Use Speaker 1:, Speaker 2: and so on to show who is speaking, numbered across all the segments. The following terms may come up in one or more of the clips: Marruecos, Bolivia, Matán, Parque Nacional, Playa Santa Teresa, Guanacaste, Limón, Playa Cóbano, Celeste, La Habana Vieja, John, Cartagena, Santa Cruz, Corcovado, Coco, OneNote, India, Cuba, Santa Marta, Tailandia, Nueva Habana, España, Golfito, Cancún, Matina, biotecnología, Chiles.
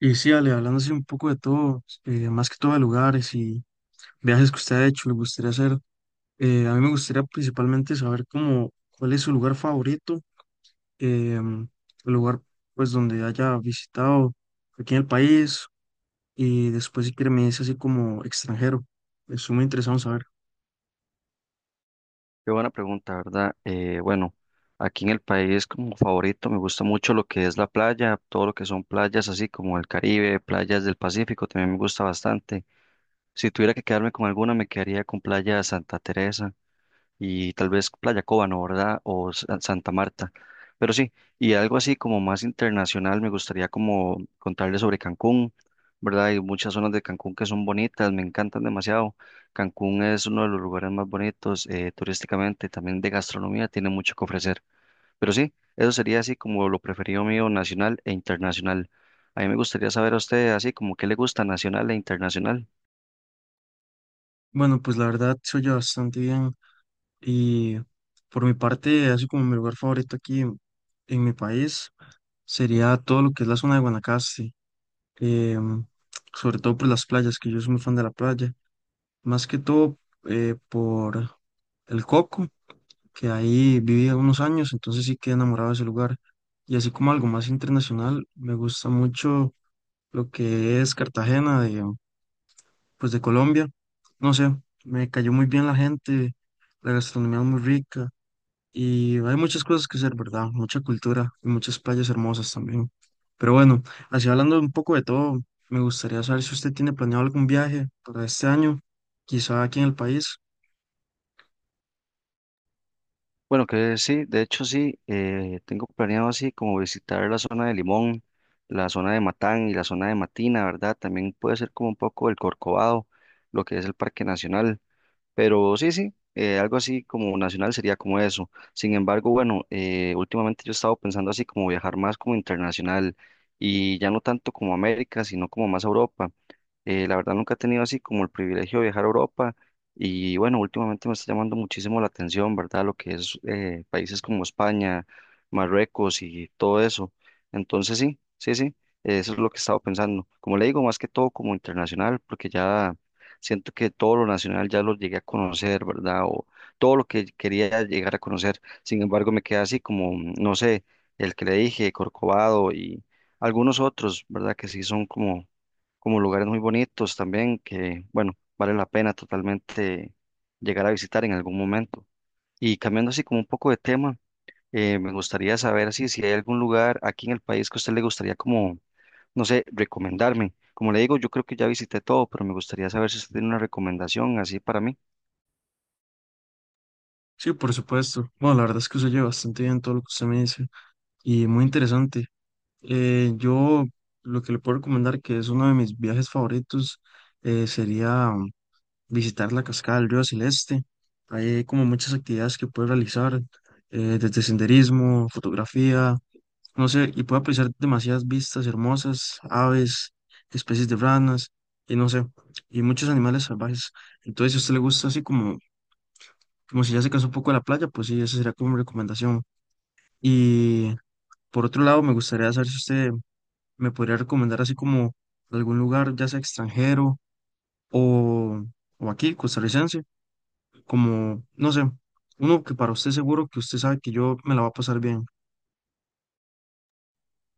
Speaker 1: Y sí, Ale, hablando así un poco de todo, más que todo de lugares y viajes que usted ha hecho, le gustaría hacer, a mí me gustaría principalmente saber cómo, cuál es su lugar favorito, em, el lugar pues donde haya visitado aquí en el país y después si quiere me dice así como extranjero, estoy muy interesado en saber.
Speaker 2: Qué buena pregunta, ¿verdad? Bueno, aquí en el país como favorito me gusta mucho lo que es la playa, todo lo que son playas así como el Caribe, playas del Pacífico, también me gusta bastante. Si tuviera que quedarme con alguna, me quedaría con Playa Santa Teresa y tal vez Playa Cóbano, ¿verdad? O Santa Marta. Pero sí, y algo así como más internacional, me gustaría como contarles sobre Cancún, ¿verdad? Hay muchas zonas de Cancún que son bonitas, me encantan demasiado. Cancún es uno de los lugares más bonitos turísticamente, también de gastronomía, tiene mucho que ofrecer. Pero sí, eso sería así como lo preferido mío, nacional e internacional. A mí me gustaría saber a usted así como qué le gusta nacional e internacional.
Speaker 1: Bueno, pues la verdad se oye bastante bien y por mi parte, así como mi lugar favorito aquí en mi país sería todo lo que es la zona de Guanacaste. em, Sobre todo por las playas, que yo soy muy fan de la playa, más que todo por el Coco, que ahí viví unos años, entonces sí quedé enamorado de ese lugar. Y así como algo más internacional, me gusta mucho lo que es Cartagena pues de Colombia. No sé, me cayó muy bien la gente, la gastronomía es muy rica. Y hay muchas cosas que hacer, ¿verdad? Mucha cultura y muchas playas hermosas también. Pero bueno, así hablando un poco de todo, me gustaría saber si usted tiene planeado algún viaje para este año, quizá aquí en el país.
Speaker 2: Bueno, que sí, de hecho sí, tengo planeado así como visitar la zona de Limón, la zona de Matán y la zona de Matina, ¿verdad? También puede ser como un poco el Corcovado, lo que es el Parque Nacional. Pero sí, sí, algo así como nacional sería como eso. Sin embargo, bueno, últimamente yo he estado pensando así como viajar más como internacional y ya no tanto como América, sino como más a Europa. La verdad nunca he tenido así como el privilegio de viajar a Europa y bueno, últimamente me está llamando muchísimo la atención, ¿verdad? Lo que es países como España, Marruecos y todo eso. Entonces sí, sí, sí, eso es lo que he estado pensando. Como le digo, más que todo como internacional, porque ya siento que todo lo nacional ya lo llegué a conocer, ¿verdad? O todo lo que quería llegar a conocer. Sin embargo, me queda así como, no sé, el que le dije, Corcovado y algunos otros, ¿verdad? Que sí son como lugares muy bonitos también, que, bueno, vale la pena totalmente llegar a visitar en algún momento. Y cambiando así como un poco de tema, me gustaría saber así, si hay algún lugar aquí en el país que a usted le gustaría como no sé, recomendarme. Como le digo, yo creo que ya visité todo, pero me gustaría saber si usted tiene una recomendación así para mí.
Speaker 1: Sí, por supuesto. Bueno, la verdad es que se oye bastante bien todo lo que usted me dice y muy interesante. Yo lo que le puedo recomendar, que es uno de mis viajes favoritos, sería visitar la cascada del río Celeste. Hay como muchas actividades que puede realizar, desde senderismo, fotografía. No sé, y puedo apreciar demasiadas vistas hermosas, aves, especies de ranas, y no sé, y muchos animales salvajes. Entonces, si a usted le gusta así como, como si ya se cansó un poco de la playa, pues sí, esa sería como mi recomendación. Y por otro lado, me gustaría saber si usted me podría recomendar así como algún lugar, ya sea extranjero o, o aquí, costarricense, como, no sé, uno que para usted seguro que usted sabe que yo me la va a pasar bien.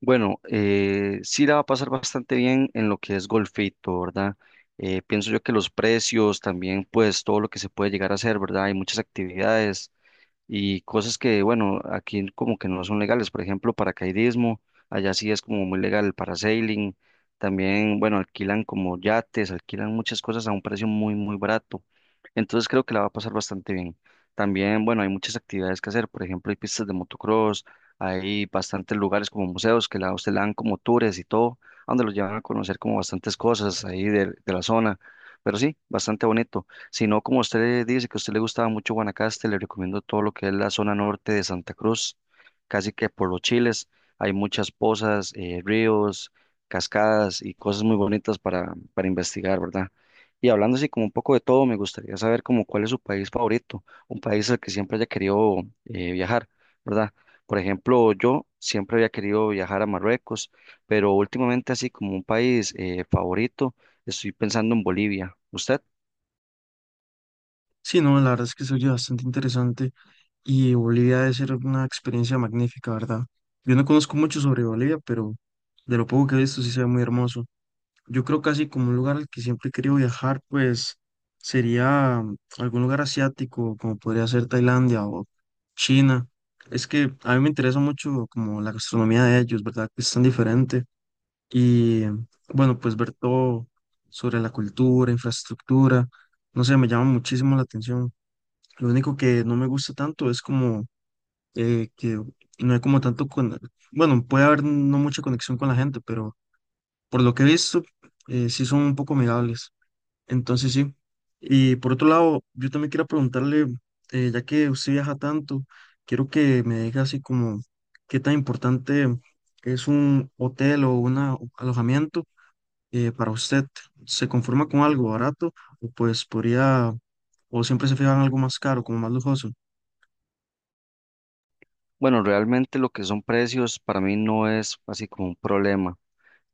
Speaker 2: Bueno, sí la va a pasar bastante bien en lo que es Golfito, ¿verdad? Pienso yo que los precios, también pues todo lo que se puede llegar a hacer, ¿verdad? Hay muchas actividades, y cosas que, bueno, aquí como que no son legales, por ejemplo, paracaidismo, allá sí es como muy legal el parasailing, también, bueno, alquilan como yates, alquilan muchas cosas a un precio muy, muy barato, entonces creo que la va a pasar bastante bien. También, bueno, hay muchas actividades que hacer, por ejemplo, hay pistas de motocross, hay bastantes lugares como museos que a usted le dan como tours y todo, a donde los llevan a conocer como bastantes cosas ahí de la zona, pero sí, bastante bonito. Si no, como usted dice que a usted le gustaba mucho Guanacaste, le recomiendo todo lo que es la zona norte de Santa Cruz, casi que por los Chiles. Hay muchas pozas, ríos, cascadas y cosas muy bonitas para investigar, ¿verdad? Y hablando así como un poco de todo, me gustaría saber como cuál es su país favorito, un país al que siempre haya querido viajar, ¿verdad? Por ejemplo, yo siempre había querido viajar a Marruecos, pero últimamente así como un país favorito, estoy pensando en Bolivia. ¿Usted?
Speaker 1: Sí, no, la verdad es que se oye bastante interesante y Bolivia debe ser una experiencia magnífica, ¿verdad? Yo no conozco mucho sobre Bolivia, pero de lo poco que he visto sí se ve muy hermoso. Yo creo casi como un lugar al que siempre he querido viajar, pues sería algún lugar asiático, como podría ser Tailandia o China. Es que a mí me interesa mucho como la gastronomía de ellos, ¿verdad? Que es tan diferente. Y bueno, pues ver todo sobre la cultura, infraestructura, no sé, me llama muchísimo la atención. Lo único que no me gusta tanto es como que no hay como tanto Bueno, puede haber no mucha conexión con la gente, pero por lo que he visto, sí son un poco amigables. Entonces sí. Y por otro lado, yo también quiero preguntarle, ya que usted viaja tanto, quiero que me diga así como qué tan importante es un hotel o un alojamiento para usted. ¿Se conforma con algo barato o pues podría, o siempre se fija en algo más caro, como más lujoso?
Speaker 2: Bueno, realmente lo que son precios para mí no es así como un problema.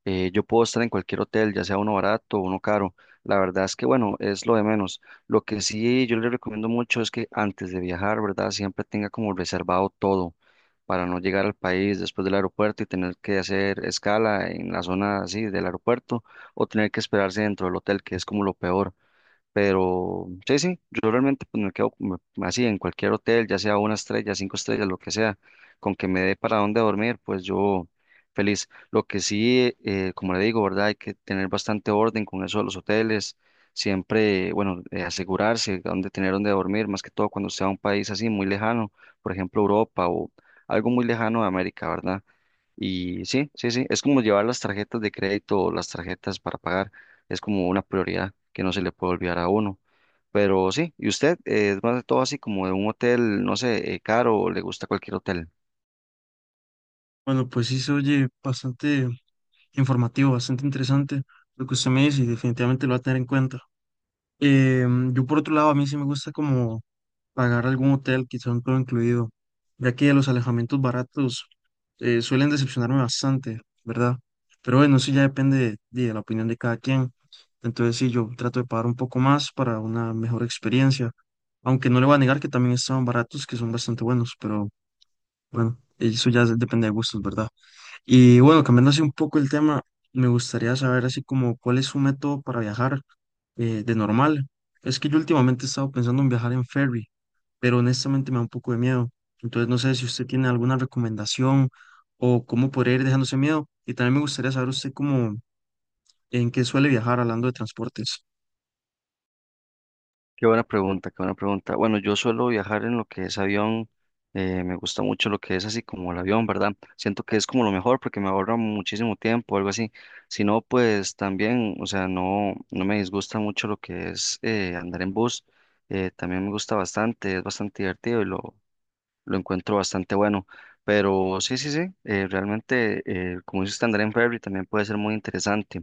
Speaker 2: Yo puedo estar en cualquier hotel, ya sea uno barato o uno caro. La verdad es que, bueno, es lo de menos. Lo que sí yo le recomiendo mucho es que antes de viajar, ¿verdad? Siempre tenga como reservado todo para no llegar al país después del aeropuerto y tener que hacer escala en la zona así del aeropuerto o tener que esperarse dentro del hotel, que es como lo peor. Pero sí, sí, yo realmente pues me quedo como así en cualquier hotel, ya sea una estrella, cinco estrellas, lo que sea, con que me dé para dónde dormir, pues yo feliz. Lo que sí, como le digo, ¿verdad? Hay que tener bastante orden con eso de los hoteles, siempre, bueno, asegurarse dónde tener dónde dormir, más que todo cuando sea un país así muy lejano, por ejemplo Europa o algo muy lejano de América, ¿verdad? Y sí, sí, sí, es como llevar las tarjetas de crédito o las tarjetas para pagar, es como una prioridad que no se le puede olvidar a uno. Pero sí, ¿y usted es más de todo así como de un hotel, no sé, caro o le gusta cualquier hotel?
Speaker 1: Bueno, pues sí se oye bastante informativo, bastante interesante lo que usted me dice y definitivamente lo va a tener en cuenta. Yo por otro lado, a mí sí me gusta como pagar algún hotel, quizá un todo incluido, ya que los alojamientos baratos suelen decepcionarme bastante, ¿verdad? Pero bueno, eso ya depende de la opinión de cada quien. Entonces sí, yo trato de pagar un poco más para una mejor experiencia, aunque no le voy a negar que también están baratos, que son bastante buenos, pero bueno, eso ya depende de gustos, ¿verdad? Y bueno, cambiando así un poco el tema, me gustaría saber así como cuál es su método para viajar de normal. Es que yo últimamente he estado pensando en viajar en ferry, pero honestamente me da un poco de miedo. Entonces no sé si usted tiene alguna recomendación o cómo podría ir dejándose miedo. Y también me gustaría saber usted cómo, en qué suele viajar hablando de transportes.
Speaker 2: Qué buena pregunta, qué buena pregunta. Bueno, yo suelo viajar en lo que es avión, me gusta mucho lo que es así como el avión, ¿verdad? Siento que es como lo mejor porque me ahorra muchísimo tiempo, algo así. Si no, pues también, o sea, no, no me disgusta mucho lo que es andar en bus, también me gusta bastante, es bastante divertido y lo encuentro bastante bueno. Pero sí, sí, sí, realmente, como dice Standard Ferry, también puede ser muy interesante.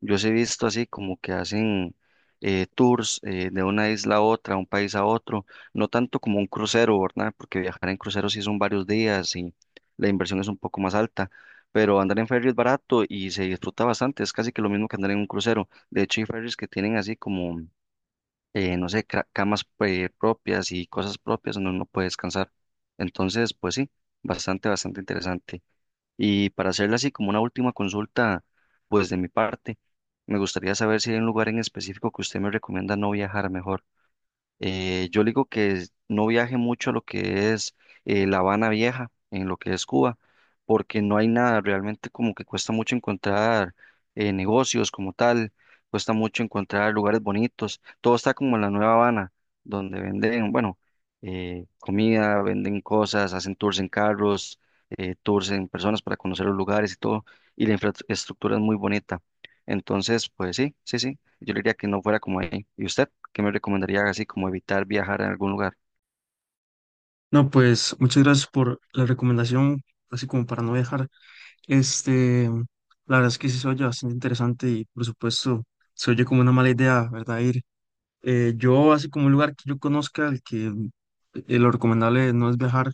Speaker 2: Yo sí he visto así como que hacen tours de una isla a otra, un país a otro, no tanto como un crucero, ¿verdad? Porque viajar en crucero sí son varios días y la inversión es un poco más alta, pero andar en ferry es barato y se disfruta bastante, es casi que lo mismo que andar en un crucero. De hecho, hay ferries que tienen así como no sé, camas propias y cosas propias uno no puede descansar. Entonces, pues sí, bastante, bastante interesante. Y para hacerle así como una última consulta, pues de mi parte, me gustaría saber si hay un lugar en específico que usted me recomienda no viajar mejor. Yo le digo que no viaje mucho a lo que es La Habana Vieja, en lo que es Cuba, porque no hay nada, realmente como que cuesta mucho encontrar negocios como tal, cuesta mucho encontrar lugares bonitos, todo está como en la Nueva Habana, donde venden, bueno, comida, venden cosas, hacen tours en carros, tours en personas para conocer los lugares y todo, y la infraestructura es muy bonita. Entonces, pues sí, sí, sí, yo le diría que no fuera como ahí. ¿Y usted? ¿Qué me recomendaría así como evitar viajar a algún lugar?
Speaker 1: No, pues muchas gracias por la recomendación, así como para no viajar. Este, la verdad es que sí se oye bastante interesante y por supuesto se oye como una mala idea, ¿verdad? Ir. Yo, así como un lugar que yo conozca, el que lo recomendable no es viajar,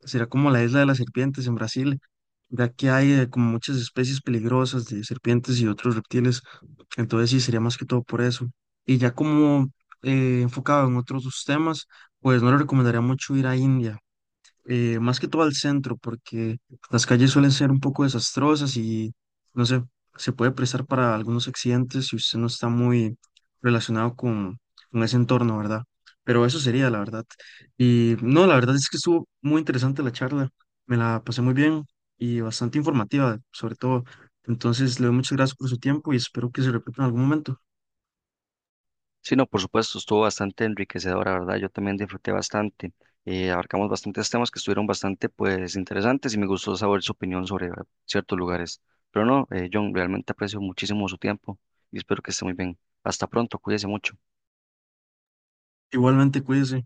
Speaker 1: será como la isla de las serpientes en Brasil, ya que hay como muchas especies peligrosas de serpientes y otros reptiles, entonces sí, sería más que todo por eso. Y ya como enfocado en otros temas, pues no le recomendaría mucho ir a India más que todo al centro, porque las calles suelen ser un poco desastrosas y no sé, se puede prestar para algunos accidentes si usted no está muy relacionado con ese entorno, ¿verdad? Pero eso sería, la verdad. Y no, la verdad es que estuvo muy interesante la charla, me la pasé muy bien y bastante informativa, sobre todo. Entonces, le doy muchas gracias por su tiempo y espero que se repita en algún momento.
Speaker 2: Sí, no, por supuesto, estuvo bastante enriquecedora, ¿verdad? Yo también disfruté bastante. Abarcamos bastantes temas que estuvieron bastante, pues, interesantes y me gustó saber su opinión sobre ciertos lugares. Pero no, John, realmente aprecio muchísimo su tiempo y espero que esté muy bien. Hasta pronto, cuídese mucho.
Speaker 1: Igualmente, cuídese.